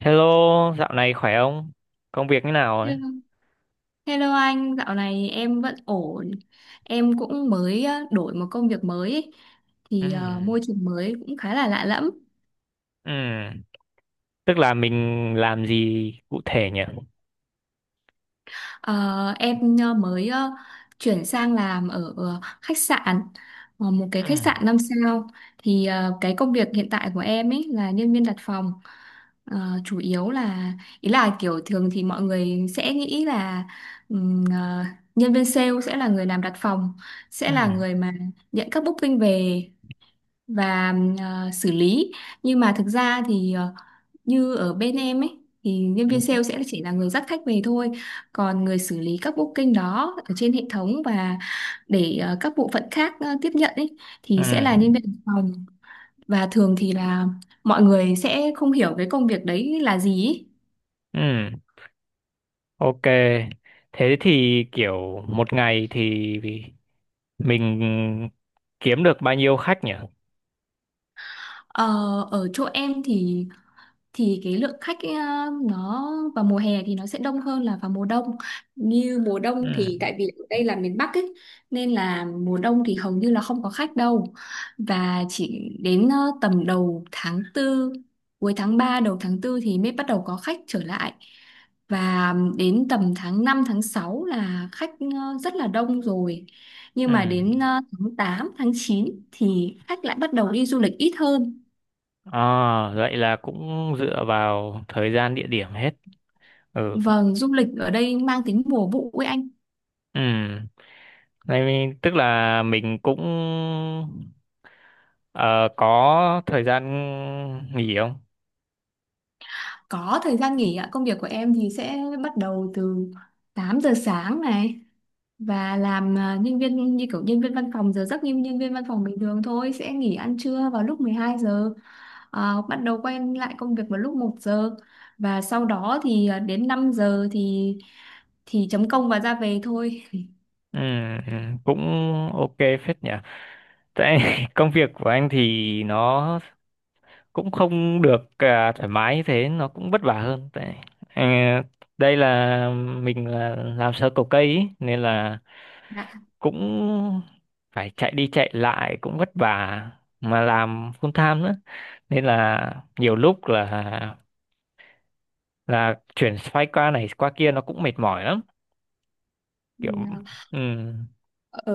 Hello, dạo này khỏe không? Công việc như nào ấy? Hello. Hello anh, dạo này em vẫn ổn. Em cũng mới đổi một công việc mới ý. Ừ, Thì môi trường mới cũng khá là lạ lẫm. ừ. Tức là mình làm gì cụ thể nhỉ? Ờ, em mới chuyển sang làm ở khách sạn, một cái Ừ, khách sạn 5 sao. Thì cái công việc hiện tại của em ấy là nhân viên đặt phòng. Ờ, Chủ yếu là ý là kiểu thường thì mọi người sẽ nghĩ là ừm, ờ, nhân viên sale sẽ là người làm đặt phòng, sẽ ừ, là người mà nhận các booking về và xử lý. Nhưng mà thực ra thì như ở bên em ấy thì nhân ừ, viên sale sẽ chỉ là người dắt khách về thôi, còn người xử lý các booking đó ở trên hệ thống và để các bộ phận khác tiếp nhận ấy ừ, thì sẽ là nhân viên văn phòng. Và thường thì là mọi người sẽ không hiểu cái công việc đấy là gì ý. ừ. Ok. Thế thì kiểu một ngày thì mình kiếm được bao nhiêu khách nhỉ? Ờ, Ở chỗ em thì cái lượng khách ấy, nó vào mùa hè thì nó sẽ đông hơn là vào mùa đông. Như mùa đông Ừ, thì tại vì ở đây là miền Bắc ấy nên là mùa đông thì hầu như là không có khách đâu, và chỉ đến tầm đầu tháng Tư, cuối tháng 3, đầu tháng Tư thì mới bắt đầu có khách trở lại, và đến tầm tháng 5, tháng 6 là khách rất là đông rồi. Nhưng ừ. mà đến tháng 8, tháng 9 thì khách lại bắt đầu đi du lịch ít hơn. À, vậy là cũng dựa vào thời gian địa điểm hết. Ừ, Vâng, du lịch ở đây mang tính mùa vụ ấy anh. ừ. Này, tức là mình cũng ờ, có thời gian nghỉ không? Có thời gian nghỉ ạ. Công việc của em thì sẽ bắt đầu từ 8 giờ sáng này, và làm nhân viên như kiểu nhân viên văn phòng, giờ giấc như nhân viên văn phòng bình thường thôi, sẽ nghỉ ăn trưa vào lúc 12 giờ, bắt đầu quay lại công việc vào lúc 1 giờ, và sau đó thì đến 5 giờ thì chấm công và ra về thôi. Ừ, ừ, cũng ok phết nhỉ. Tại công việc của anh thì nó cũng không được à, thoải mái như thế, nó cũng vất vả hơn. Tại ờ, đây là mình là làm sơ cầu cây ý, nên là Dạ. cũng phải chạy đi chạy lại cũng vất vả mà làm full time nữa. Nên là nhiều lúc là chuyển phái qua này qua kia nó cũng mệt mỏi lắm Ừ, kiểu ừ.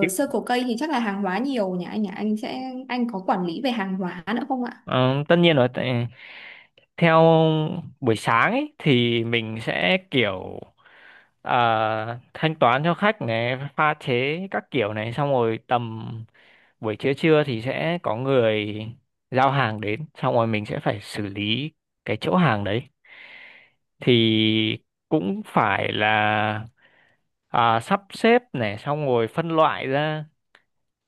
Kiểu- sơ cổ cây thì chắc là hàng hóa nhiều nhỉ anh nhỉ? Anh có quản lý về hàng hóa nữa không ạ? ờ, Tất nhiên rồi theo buổi sáng ấy thì mình sẽ kiểu thanh toán cho khách này pha chế các kiểu này xong rồi tầm buổi trưa trưa thì sẽ có người giao hàng đến xong rồi mình sẽ phải xử lý cái chỗ hàng đấy thì cũng phải là à, sắp xếp này xong rồi phân loại ra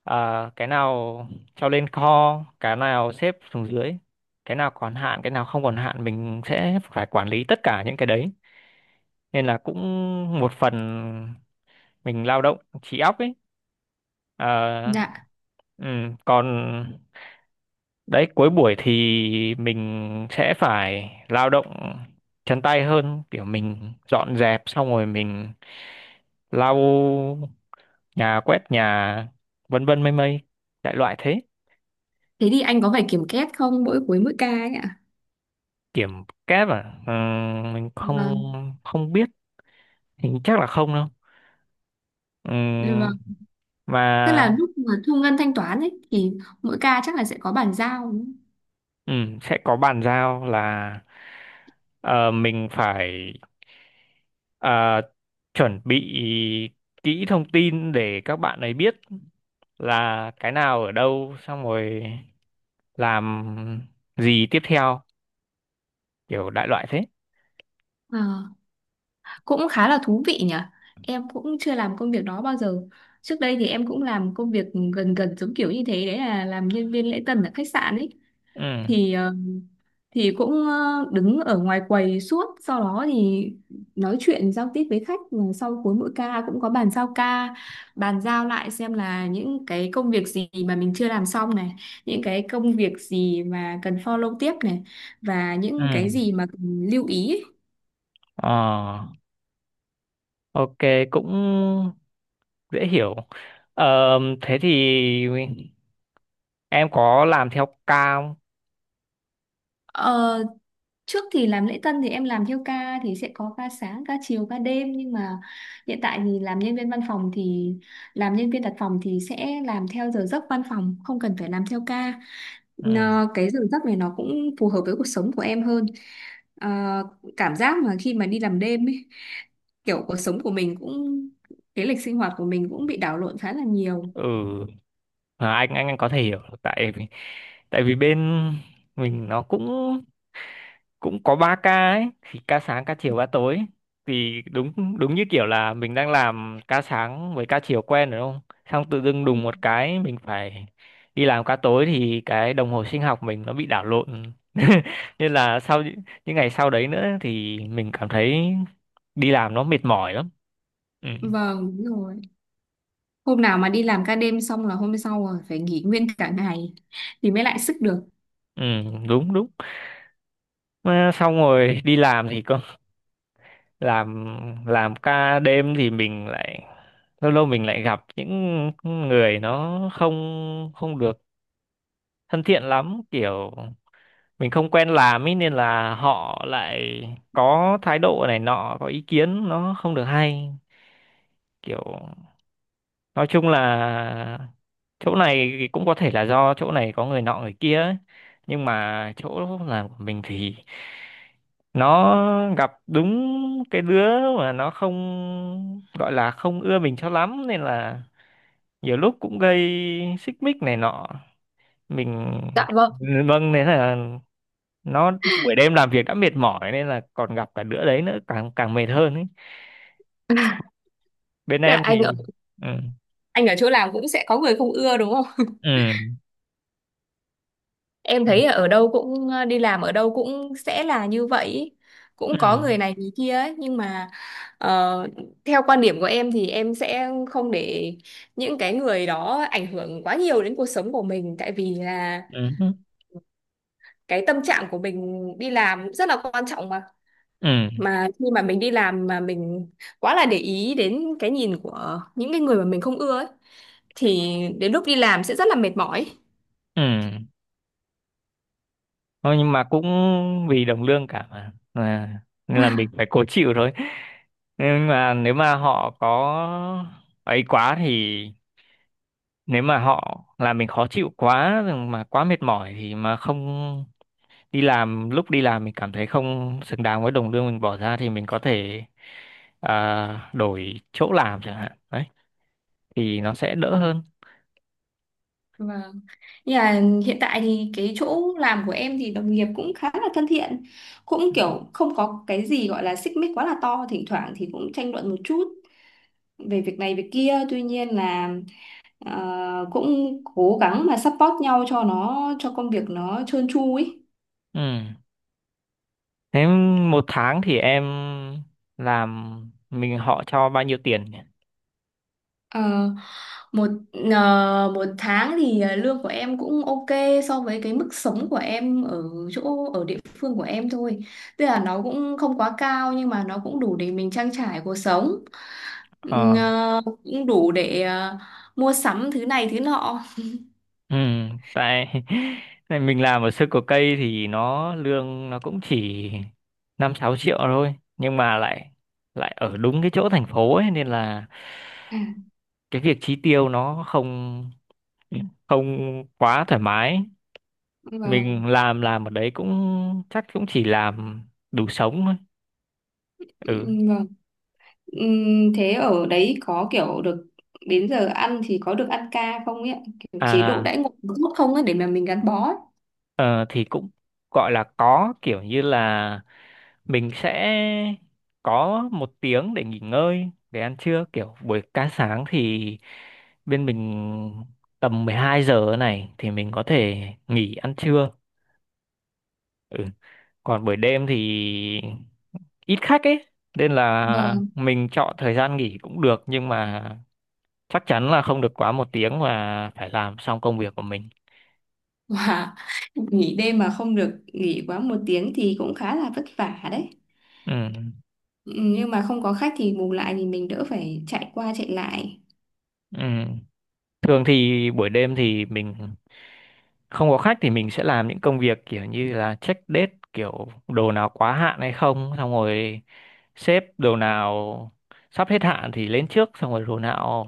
à, cái nào cho lên kho cái nào xếp xuống dưới cái nào còn hạn cái nào không còn hạn mình sẽ phải quản lý tất cả những cái đấy nên là cũng một phần mình lao động trí óc ấy. Ờ, Dạ. ừ, còn đấy, cuối buổi thì mình sẽ phải lao động chân tay hơn, kiểu mình dọn dẹp xong rồi mình lau nhà quét nhà vân vân mây mây đại loại thế. Thế thì anh có phải kiểm kết không mỗi cuối mỗi ca ấy ạ? Kiểm kép à. Ờ, mình không Vâng, không biết hình chắc là không đâu. Ừm, vâng. mà Tức là lúc mà thu ngân thanh toán ấy thì mỗi ca chắc là sẽ có bàn giao, đúng không? ừ, sẽ có bàn giao là ờ, mình phải ờ, chuẩn bị kỹ thông tin để các bạn ấy biết là cái nào ở đâu xong rồi làm gì tiếp theo kiểu đại loại thế. Ờ, Cũng khá là thú vị nhỉ. Em cũng chưa làm công việc đó bao giờ. Trước đây thì em cũng làm công việc gần gần giống kiểu như thế, đấy là làm nhân viên lễ tân ở khách sạn ấy. Ừ, Thì cũng đứng ở ngoài quầy suốt, sau đó thì nói chuyện giao tiếp với khách. Và sau cuối mỗi ca cũng có bàn giao ca, bàn giao lại xem là những cái công việc gì mà mình chưa làm xong này, những cái công việc gì mà cần follow tiếp này, và ừ, những cái gì mà cần lưu ý. ờ, ok, cũng dễ hiểu. Ờ, thế thì em có làm theo ca không? Ờ, Trước thì làm lễ tân thì em làm theo ca thì sẽ có ca sáng, ca chiều, ca đêm, nhưng mà hiện tại thì làm nhân viên văn phòng, thì làm nhân viên đặt phòng thì sẽ làm theo giờ giấc văn phòng, không cần phải làm theo ca. Ừ, Cái giờ giấc này nó cũng phù hợp với cuộc sống của em hơn. Ờ, Cảm giác mà khi mà đi làm đêm ấy, kiểu cuộc sống của mình cũng cái lịch sinh hoạt của mình cũng bị đảo lộn khá là nhiều. ừ, à, anh có thể hiểu tại vì bên mình nó cũng cũng có 3 ca ấy thì ca sáng ca chiều ca tối thì đúng đúng như kiểu là mình đang làm ca sáng với ca chiều quen rồi đúng không xong tự dưng Ừ. đùng một cái mình phải đi làm ca tối thì cái đồng hồ sinh học mình nó bị đảo lộn nên là sau những ngày sau đấy nữa thì mình cảm thấy đi làm nó mệt mỏi lắm. Ừ, Vâng, đúng rồi. Hôm nào mà đi làm ca đêm xong là hôm sau rồi phải nghỉ nguyên cả ngày thì mới lại sức được. ừ, đúng đúng. Mà xong rồi đi làm thì có làm làm ca đêm thì mình lại lâu lâu mình lại gặp những người nó không không được thân thiện lắm kiểu mình không quen làm ấy nên là họ lại có thái độ này nọ có ý kiến nó không được hay kiểu nói chung là chỗ này thì cũng có thể là do chỗ này có người nọ người kia ấy. Nhưng mà chỗ làm của mình thì nó gặp đúng cái đứa mà nó không gọi là không ưa mình cho lắm nên là nhiều lúc cũng gây xích mích này nọ mình Dạ vâng. vâng nên là nó buổi đêm làm việc đã mệt mỏi nên là còn gặp cả đứa đấy nữa càng càng mệt hơn ấy. Bên Tức là em thì anh ở ừ, anh ở chỗ làm cũng sẽ có người không ưa đúng không? ừ, Em thấy ở đâu cũng, đi làm ở đâu cũng sẽ là như vậy ý. ừ, Cũng có người này người kia ấy, nhưng mà ờ, theo quan điểm của em thì em sẽ không để những cái người đó ảnh hưởng quá nhiều đến cuộc sống của mình, tại vì là ừ, ừ, cái tâm trạng của mình đi làm cũng rất là quan trọng mà ừ, ừ, mà khi mà mình đi làm mà mình quá là để ý đến cái nhìn của những cái người mà mình không ưa ấy, thì đến lúc đi làm sẽ rất là mệt mỏi. ừ. Thôi nhưng mà cũng vì đồng lương cả mà à, nên là mình phải cố chịu thôi nhưng mà nếu mà họ có ấy quá thì nếu mà họ làm mình khó chịu quá rồi mà quá mệt mỏi thì mà không đi làm lúc đi làm mình cảm thấy không xứng đáng với đồng lương mình bỏ ra thì mình có thể à, đổi chỗ làm chẳng hạn đấy thì nó sẽ đỡ hơn. Vâng. Nhưng mà hiện tại thì cái chỗ làm của em thì đồng nghiệp cũng khá là thân thiện, cũng kiểu không có cái gì gọi là xích mích quá là to, thỉnh thoảng thì cũng tranh luận một chút về việc này việc kia, tuy nhiên là cũng cố gắng mà support nhau cho công việc nó trơn tru ấy. Ừ. Thế một tháng thì em làm mình họ cho bao nhiêu tiền nhỉ? Ờ, một một tháng thì lương của em cũng ok so với cái mức sống của em ở chỗ ở địa phương của em thôi. Tức là nó cũng không quá cao nhưng mà nó cũng đủ để mình trang trải cuộc sống. Ờ, Cũng đủ để mua sắm thứ này thứ nọ. ừ, tại tại mình làm ở sơ cổ cây thì nó lương nó cũng chỉ 5-6 triệu thôi, nhưng mà lại lại ở đúng cái chỗ thành phố ấy nên là À, cái việc chi tiêu nó không không quá thoải mái. vâng, Mình làm ở đấy cũng chắc cũng chỉ làm đủ sống thôi. Ừ. Vâng. Thế ở đấy có kiểu được đến giờ ăn thì có được ăn ca không ấy? Ạ? Kiểu chế độ đãi À, ngộ có tốt không ấy để mà mình gắn bó ấy. ờ, thì cũng gọi là có kiểu như là mình sẽ có một tiếng để nghỉ ngơi để ăn trưa kiểu buổi ca sáng thì bên mình tầm 12 giờ này thì mình có thể nghỉ ăn trưa. Ừ. Còn buổi đêm thì ít khách ấy nên là Vâng. mình chọn thời gian nghỉ cũng được nhưng mà chắc chắn là không được quá một tiếng mà phải làm xong công việc của mình. Wow. Nghỉ đêm mà không được nghỉ quá một tiếng thì cũng khá là vất vả đấy. Ừ. Ừ, nhưng mà không có khách thì bù lại thì mình đỡ phải chạy qua chạy lại. Ừ. Thường thì buổi đêm thì mình không có khách thì mình sẽ làm những công việc kiểu như là check date kiểu đồ nào quá hạn hay không, xong rồi xếp đồ nào sắp hết hạn thì lên trước, xong rồi đồ nào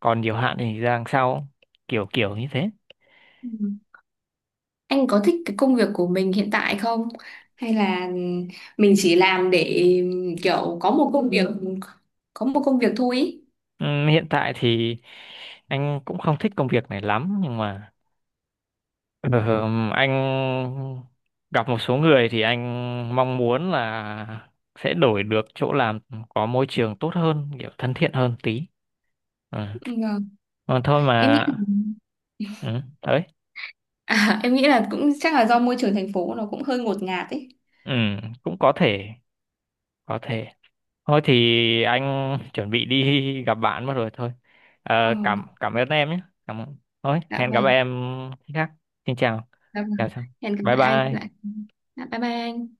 còn nhiều hạn thì ra đằng sau, kiểu kiểu như thế. Ừ. Anh có thích cái công việc của mình hiện tại không? Hay là mình chỉ làm để kiểu có một công việc thôi ý. Hiện tại thì anh cũng không thích công việc này lắm nhưng mà ờ, anh gặp một số người thì anh mong muốn là sẽ đổi được chỗ làm có môi trường tốt hơn, kiểu thân thiện hơn tí. Ừ. Ừ, vâng. Mà thôi mà Em nghĩ là, ừ, đấy, à, em nghĩ là cũng chắc là do môi trường thành phố nó cũng hơi ngột ngạt ấy. ừ, cũng có thể, có thể. Thôi thì anh chuẩn bị đi gặp bạn mất rồi thôi. Ờ, Ờ, cảm cảm ơn em nhé. Cảm ơn. Thôi, dạ hẹn gặp vâng, em khi khác. Xin chào. dạ Chào vâng. chào. Hẹn gặp Bye lại anh lại. bye. Dạ, bye bye anh.